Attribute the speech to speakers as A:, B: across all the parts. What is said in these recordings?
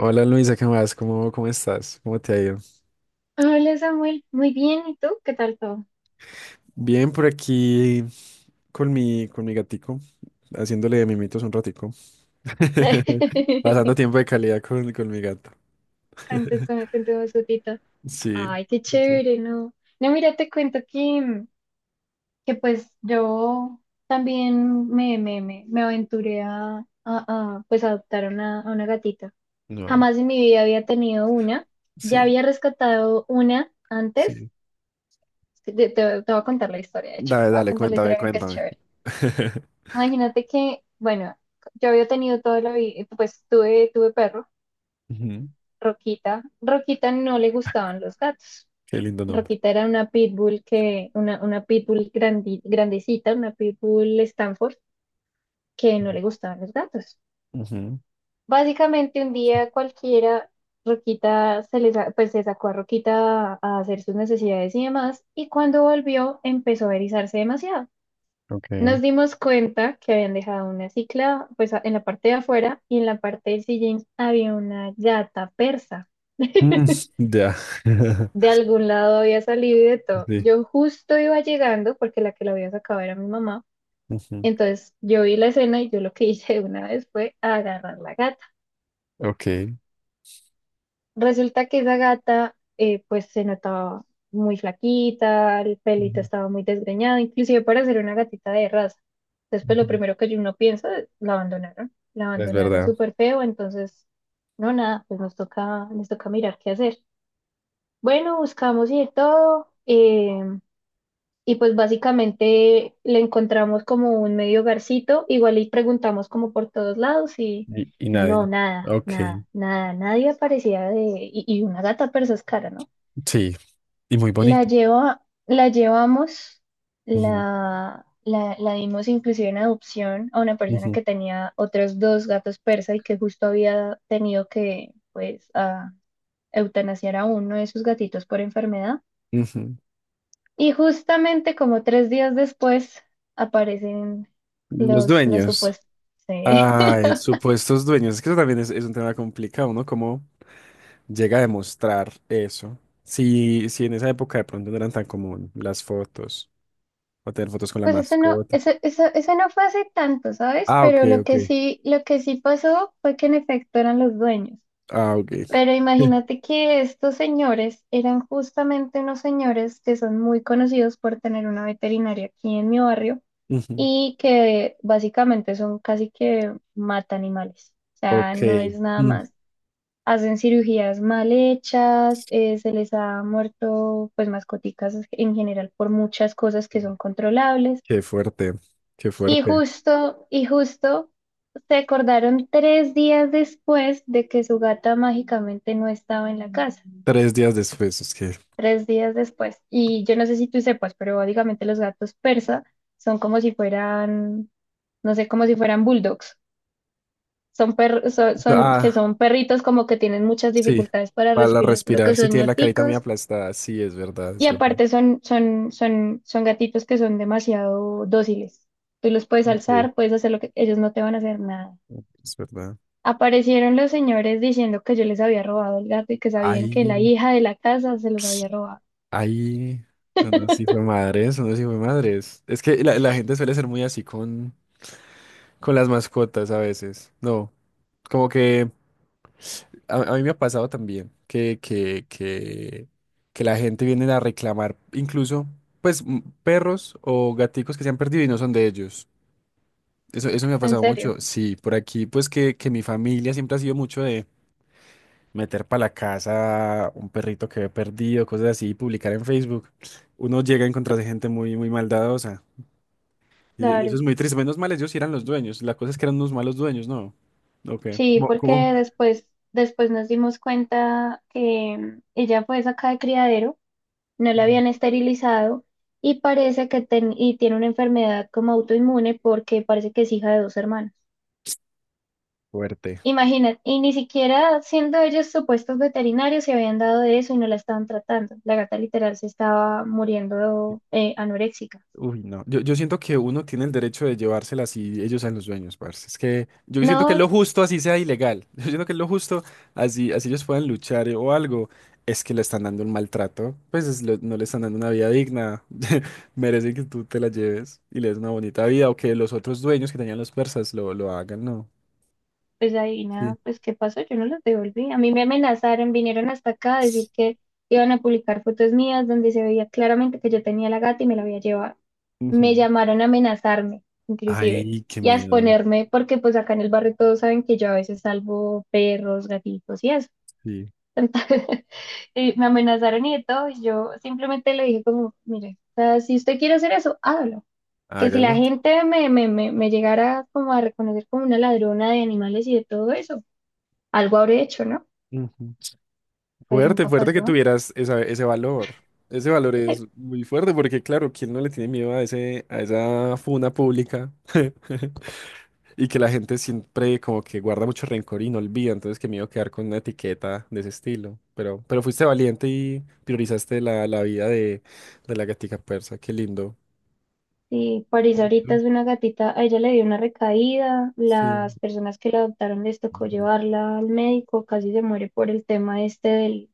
A: Hola Luisa, ¿qué más? ¿Cómo estás? ¿Cómo te ha ido?
B: Hola Samuel, muy bien, ¿y tú? ¿Qué tal todo?
A: Bien por aquí con mi gatico, haciéndole de mimitos un ratico. Pasando tiempo de calidad con mi gato.
B: Con tu, con, con tu vozotita.
A: Sí.
B: Ay, qué
A: Sí.
B: chévere, ¿no? No, mira, te cuento que pues yo también me aventuré a, pues adoptar a una gatita.
A: No hay.
B: Jamás en mi vida había tenido una. Ya
A: Sí,
B: había rescatado una antes.
A: sí.
B: Te, te- te voy a contar la historia, de hecho.
A: Dale,
B: Te voy a
A: dale,
B: contar la
A: cuéntame,
B: historia porque es
A: cuéntame.
B: chévere. Imagínate que, bueno, yo había tenido toda la vida, pues tuve perro.
A: Ujú.
B: Roquita, Roquita no le gustaban los gatos.
A: Qué lindo nombre.
B: Roquita era una pitbull una pitbull grandecita, una pitbull Stanford, que no le gustaban los gatos.
A: Ujú.
B: Básicamente un día cualquiera, Roquita pues se sacó a Roquita a hacer sus necesidades y demás, y cuando volvió empezó a erizarse demasiado.
A: Ok.
B: Nos dimos cuenta que habían dejado una cicla, pues en la parte de afuera, y en la parte del sillín había una gata persa.
A: Mm, ya.
B: De algún lado había salido y de todo.
A: Sí.
B: Yo justo iba llegando porque la que la había sacado era mi mamá.
A: Ujú.
B: Entonces yo vi la escena y yo lo que hice de una vez fue agarrar la gata.
A: Ok.
B: Resulta que esa gata pues se notaba muy flaquita, el pelito
A: Ujú,
B: estaba muy desgreñado, inclusive para ser una gatita de raza. Entonces pues lo
A: ujú.
B: primero que uno piensa es, la
A: Es
B: abandonaron
A: verdad.
B: súper feo, entonces no, nada, pues nos toca mirar qué hacer. Bueno, buscamos y de todo. Y pues básicamente le encontramos como un medio hogarcito, igual y preguntamos como por todos lados y,
A: Y
B: y no,
A: nadie.
B: nada,
A: Ok,
B: nada, nada, nadie aparecía de, y una gata persa es cara, ¿no?
A: sí, y muy
B: La
A: bonita.
B: lleva, la llevamos,
A: Ujú,
B: la dimos inclusive en adopción a una persona
A: ujú,
B: que tenía otros dos gatos persa y que justo había tenido que, pues, eutanasiar a uno de sus gatitos por enfermedad.
A: ujú.
B: Y justamente como 3 días después aparecen
A: Los
B: los
A: dueños.
B: supuestos. Sí.
A: Ay, supuestos dueños. Es que eso también es un tema complicado, ¿no? ¿Cómo llega a demostrar eso? Si en esa época de pronto no eran tan común las fotos o tener fotos con la
B: Pues eso no,
A: mascota.
B: eso, eso, eso no fue hace tanto, ¿sabes?
A: Ah, ok,
B: Pero lo
A: ok.
B: que sí, lo que sí pasó fue que en efecto eran los dueños.
A: Ah, ok.
B: Pero imagínate que estos señores eran justamente unos señores que son muy conocidos por tener una veterinaria aquí en mi barrio
A: Ujú.
B: y que básicamente son casi que matan animales. O sea,
A: Ok.
B: no es nada
A: Mm.
B: más. Hacen cirugías mal hechas, se les ha muerto pues mascoticas en general por muchas cosas que son controlables.
A: Qué fuerte, qué
B: Y
A: fuerte.
B: justo, y justo se acordaron 3 días después de que su gata mágicamente no estaba en la casa.
A: Tres días después, es que.
B: 3 días después. Y yo no sé si tú sepas, pero básicamente los gatos persa son como si fueran, no sé, como si fueran bulldogs. Son, per- son, son- que
A: Ah,
B: son perritos como que tienen muchas
A: sí,
B: dificultades para
A: para
B: respirar, por lo que
A: respirar, sí
B: son
A: tiene la carita muy
B: ñáticos.
A: aplastada, sí, es verdad,
B: Y
A: es verdad.
B: aparte son gatitos que son demasiado dóciles. Tú los puedes
A: Sí.
B: alzar, puedes hacer lo que ellos no te van a hacer nada.
A: Es verdad.
B: Aparecieron los señores diciendo que yo les había robado el gato y que sabían
A: Ay,
B: que la hija de la casa se los había robado.
A: ay, unos sí fue madres, unos sí fue madres. Es que la gente suele ser muy así con las mascotas a veces. No, como que a mí me ha pasado también que la gente viene a reclamar incluso, pues, perros o gaticos que se han perdido y no son de ellos. Eso me ha
B: ¿En
A: pasado
B: serio?
A: mucho. Sí, por aquí, pues que mi familia siempre ha sido mucho de... meter para la casa un perrito que ve perdido, cosas así, y publicar en Facebook, uno llega a encontrarse gente muy, muy maldadosa. Y eso
B: Claro.
A: es muy triste. Menos mal ellos sí eran los dueños. La cosa es que eran unos malos dueños, ¿no? Ok.
B: Sí,
A: ¿Cómo,
B: porque
A: como
B: después nos dimos cuenta que ella fue sacada de criadero, no la
A: Mm.
B: habían esterilizado y parece que tiene una enfermedad como autoinmune porque parece que es hija de dos hermanos.
A: Fuerte.
B: Imagínate, y ni siquiera siendo ellos supuestos veterinarios se habían dado de eso y no la estaban tratando. La gata literal se estaba muriendo, anoréxica.
A: Uy, no. Yo siento que uno tiene el derecho de llevársela si ellos sean los dueños, parce. Es que yo siento que es
B: No,
A: lo justo así sea ilegal. Yo siento que es lo justo así, así ellos puedan luchar o algo. Es que le están dando un maltrato. Pues es lo- no le están dando una vida digna. Merecen que tú te la lleves y le des una bonita vida o que los otros dueños que tenían los persas lo hagan, no.
B: pues ahí
A: Sí.
B: nada, pues ¿qué pasó? Yo no los devolví. A mí me amenazaron, vinieron hasta acá a decir que iban a publicar fotos mías donde se veía claramente que yo tenía la gata y me la había llevado. Me
A: Ujú.
B: llamaron a amenazarme, inclusive,
A: Ay, qué
B: y a
A: miedo.
B: exponerme porque pues acá en el barrio todos saben que yo a veces salvo perros, gatitos y eso.
A: Sí,
B: Y me amenazaron y de todo, y yo simplemente le dije como, mire, o sea, si usted quiere hacer eso, hágalo. Que si la
A: hágalo.
B: gente me llegara como a reconocer como una ladrona de animales y de todo eso, algo habré hecho, ¿no?
A: Ujú.
B: Pues
A: Fuerte,
B: nunca
A: fuerte que
B: pasó.
A: tuvieras esa- ese valor. Ese valor es muy fuerte porque, claro, ¿quién no le tiene miedo a ese, a esa funa pública? Y que la gente siempre como que guarda mucho rencor y no olvida, entonces que me iba a quedar con una etiqueta de ese estilo. Pero fuiste valiente y priorizaste la vida de la gatica persa, qué lindo.
B: Y París ahorita
A: Lindo.
B: es una gatita, a ella le dio una recaída,
A: Sí.
B: las personas que la adoptaron les tocó
A: Ujú.
B: llevarla al médico, casi se muere por el tema este del,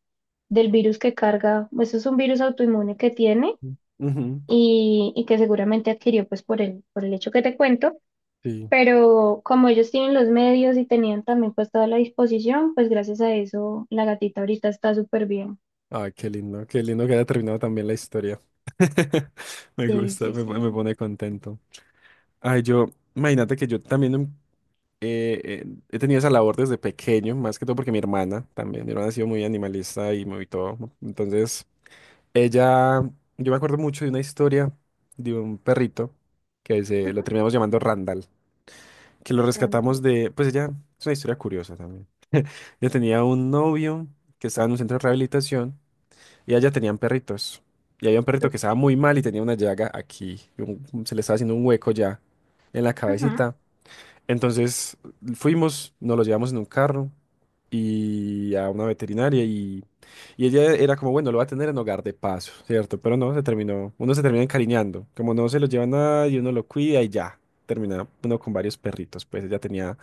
B: del virus que carga. Eso es un virus autoinmune que tiene
A: Ujú,
B: y que seguramente adquirió pues por el hecho que te cuento.
A: sí.
B: Pero como ellos tienen los medios y tenían también pues toda la disposición, pues gracias a eso la gatita ahorita está súper bien.
A: Ay, qué lindo que haya terminado también la historia. Me
B: Sí,
A: gusta,
B: sí,
A: me
B: sí.
A: pone contento. Ay, yo, imagínate que yo también he tenido esa labor desde pequeño, más que todo porque mi hermana también, mi hermana ha sido muy animalista y muy todo, ¿no? Entonces, ella, yo me acuerdo mucho de una historia de un perrito que se lo
B: Ujú,
A: terminamos llamando Randall, que lo
B: realmente.
A: rescatamos de, pues ella, es una historia curiosa también. Ella tenía un novio que estaba en un centro de rehabilitación y allá tenían perritos. Y había un perrito
B: Creo.
A: que estaba muy mal y tenía una llaga aquí, y un- se le estaba haciendo un hueco ya en la
B: Ajá.
A: cabecita. Entonces fuimos, nos lo llevamos en un carro y a una veterinaria y ella era como, bueno, lo va a tener en hogar de paso, ¿cierto? Pero no, se terminó, uno se termina encariñando, como no se lo lleva nadie, uno lo cuida y ya, termina uno con varios perritos, pues ella tenía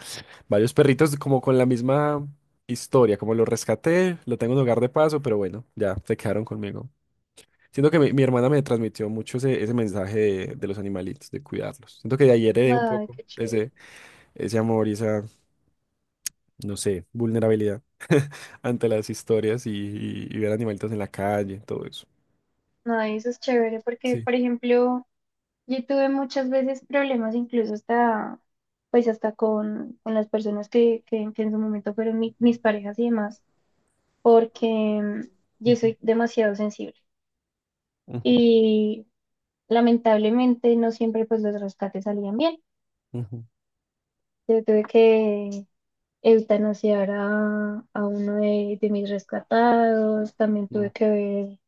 A: varios perritos como con la misma historia, como lo rescaté, lo tengo en hogar de paso, pero bueno, ya se quedaron conmigo. Siento que mi hermana me transmitió mucho ese, ese mensaje de los animalitos, de cuidarlos. Siento que de ahí heredé un
B: Ay,
A: poco
B: qué chévere.
A: ese ese amor y esa, no sé, vulnerabilidad ante las historias y ver animalitos en la calle, todo eso.
B: No, eso es chévere porque,
A: Sí.
B: por ejemplo, yo tuve muchas veces problemas incluso hasta, pues hasta con las personas que en su momento fueron mis parejas y demás, porque yo
A: Ujú,
B: soy demasiado sensible
A: ujú,
B: y lamentablemente no siempre pues los rescates salían bien.
A: ujú,
B: Yo tuve que eutanasiar a uno de mis rescatados, también tuve
A: ujú.
B: que ver,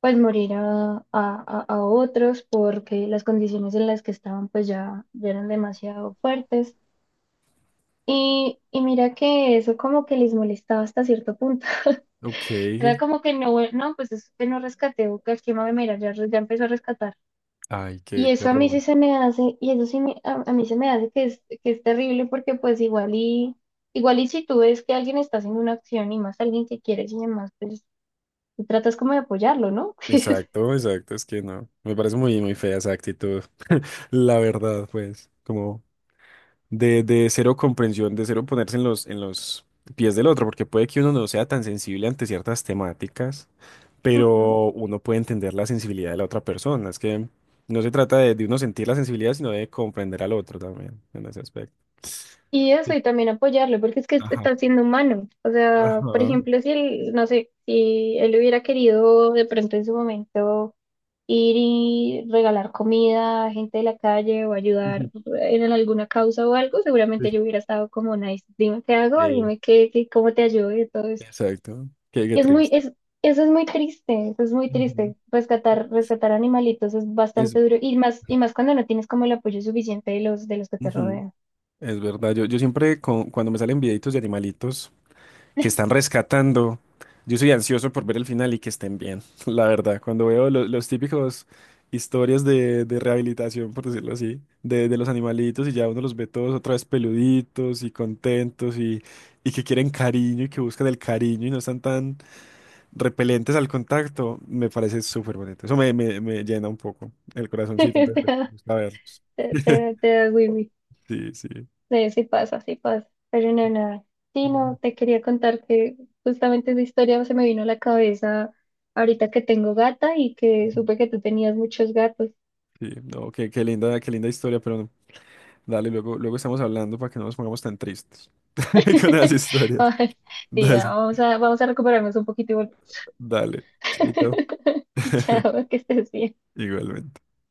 B: pues morir a otros porque las condiciones en las que estaban pues ya eran demasiado fuertes. Y mira que eso como que les molestaba hasta cierto punto.
A: Ok.
B: Era como que no: "Bueno, no, pues es que no rescaté, Buca, ¿quién va a venir? Ya, ya empezó a rescatar."
A: Ay, qué,
B: Y
A: qué
B: eso a mí sí
A: horror.
B: se me hace, y eso sí a mí se me hace que es, terrible porque pues igual y si tú ves que alguien está haciendo una acción y más alguien que quieres y demás, pues tú tratas como de apoyarlo, ¿no?
A: Exacto, exacto, es que no. Me parece muy, muy fea esa actitud. La verdad, pues, como de cero comprensión, de cero ponerse en los pies del otro, porque puede que uno no sea tan sensible ante ciertas temáticas.
B: Ujú.
A: Pero uno puede entender la sensibilidad de la otra persona. Es que no se trata de uno sentir la sensibilidad, sino de comprender al otro también en ese aspecto.
B: Y eso,
A: Sí.
B: y también apoyarlo, porque es que
A: Ajá.
B: está siendo humano. O sea, por
A: Ajá.
B: ejemplo, si él, no sé, si él hubiera querido de pronto en su momento, ir y regalar comida a gente de la calle o ayudar
A: Ujú.
B: en alguna causa o algo,
A: Sí.
B: seguramente yo hubiera estado como nice, dime qué hago,
A: Eh,
B: dime cómo te ayudo y todo eso.
A: exacto. Qué, qué
B: Y es muy,
A: triste.
B: es, eso es muy triste, eso es muy
A: Ujú.
B: triste. Rescatar animalitos es
A: Es,
B: bastante duro y más cuando no tienes como el apoyo suficiente de los, que te
A: ujú,
B: rodean.
A: es verdad. Yo siempre, con- cuando me salen videitos de animalitos, que están rescatando. Yo soy ansioso por ver el final y que estén bien, la verdad. Cuando veo lo- los típicos historias de rehabilitación, por decirlo así, de los animalitos y ya uno los ve todos otra vez peluditos y contentos y que quieren cariño y que buscan el cariño y no están tan repelentes al contacto, me parece súper bonito. Eso me, me- me llena un poco el corazoncito, entonces
B: Te
A: me
B: da,
A: gusta verlos.
B: te, te da, te da wiwi.
A: Sí, sí.
B: Sí, sí pasa, sí pasa. Pero no, nada. Sí,
A: Ujú.
B: no, te quería contar que justamente esa historia se me vino a la cabeza ahorita que tengo gata y que
A: Ujú.
B: supe que tú tenías muchos gatos.
A: Sí, no, qué, qué linda historia, pero dale, luego, luego estamos hablando para que no nos pongamos tan tristes con las historias.
B: Ay, sí, ya,
A: Dale,
B: vamos a recuperarnos un poquito y volver.
A: dale, chaito.
B: Chao, que estés bien.
A: Igualmente.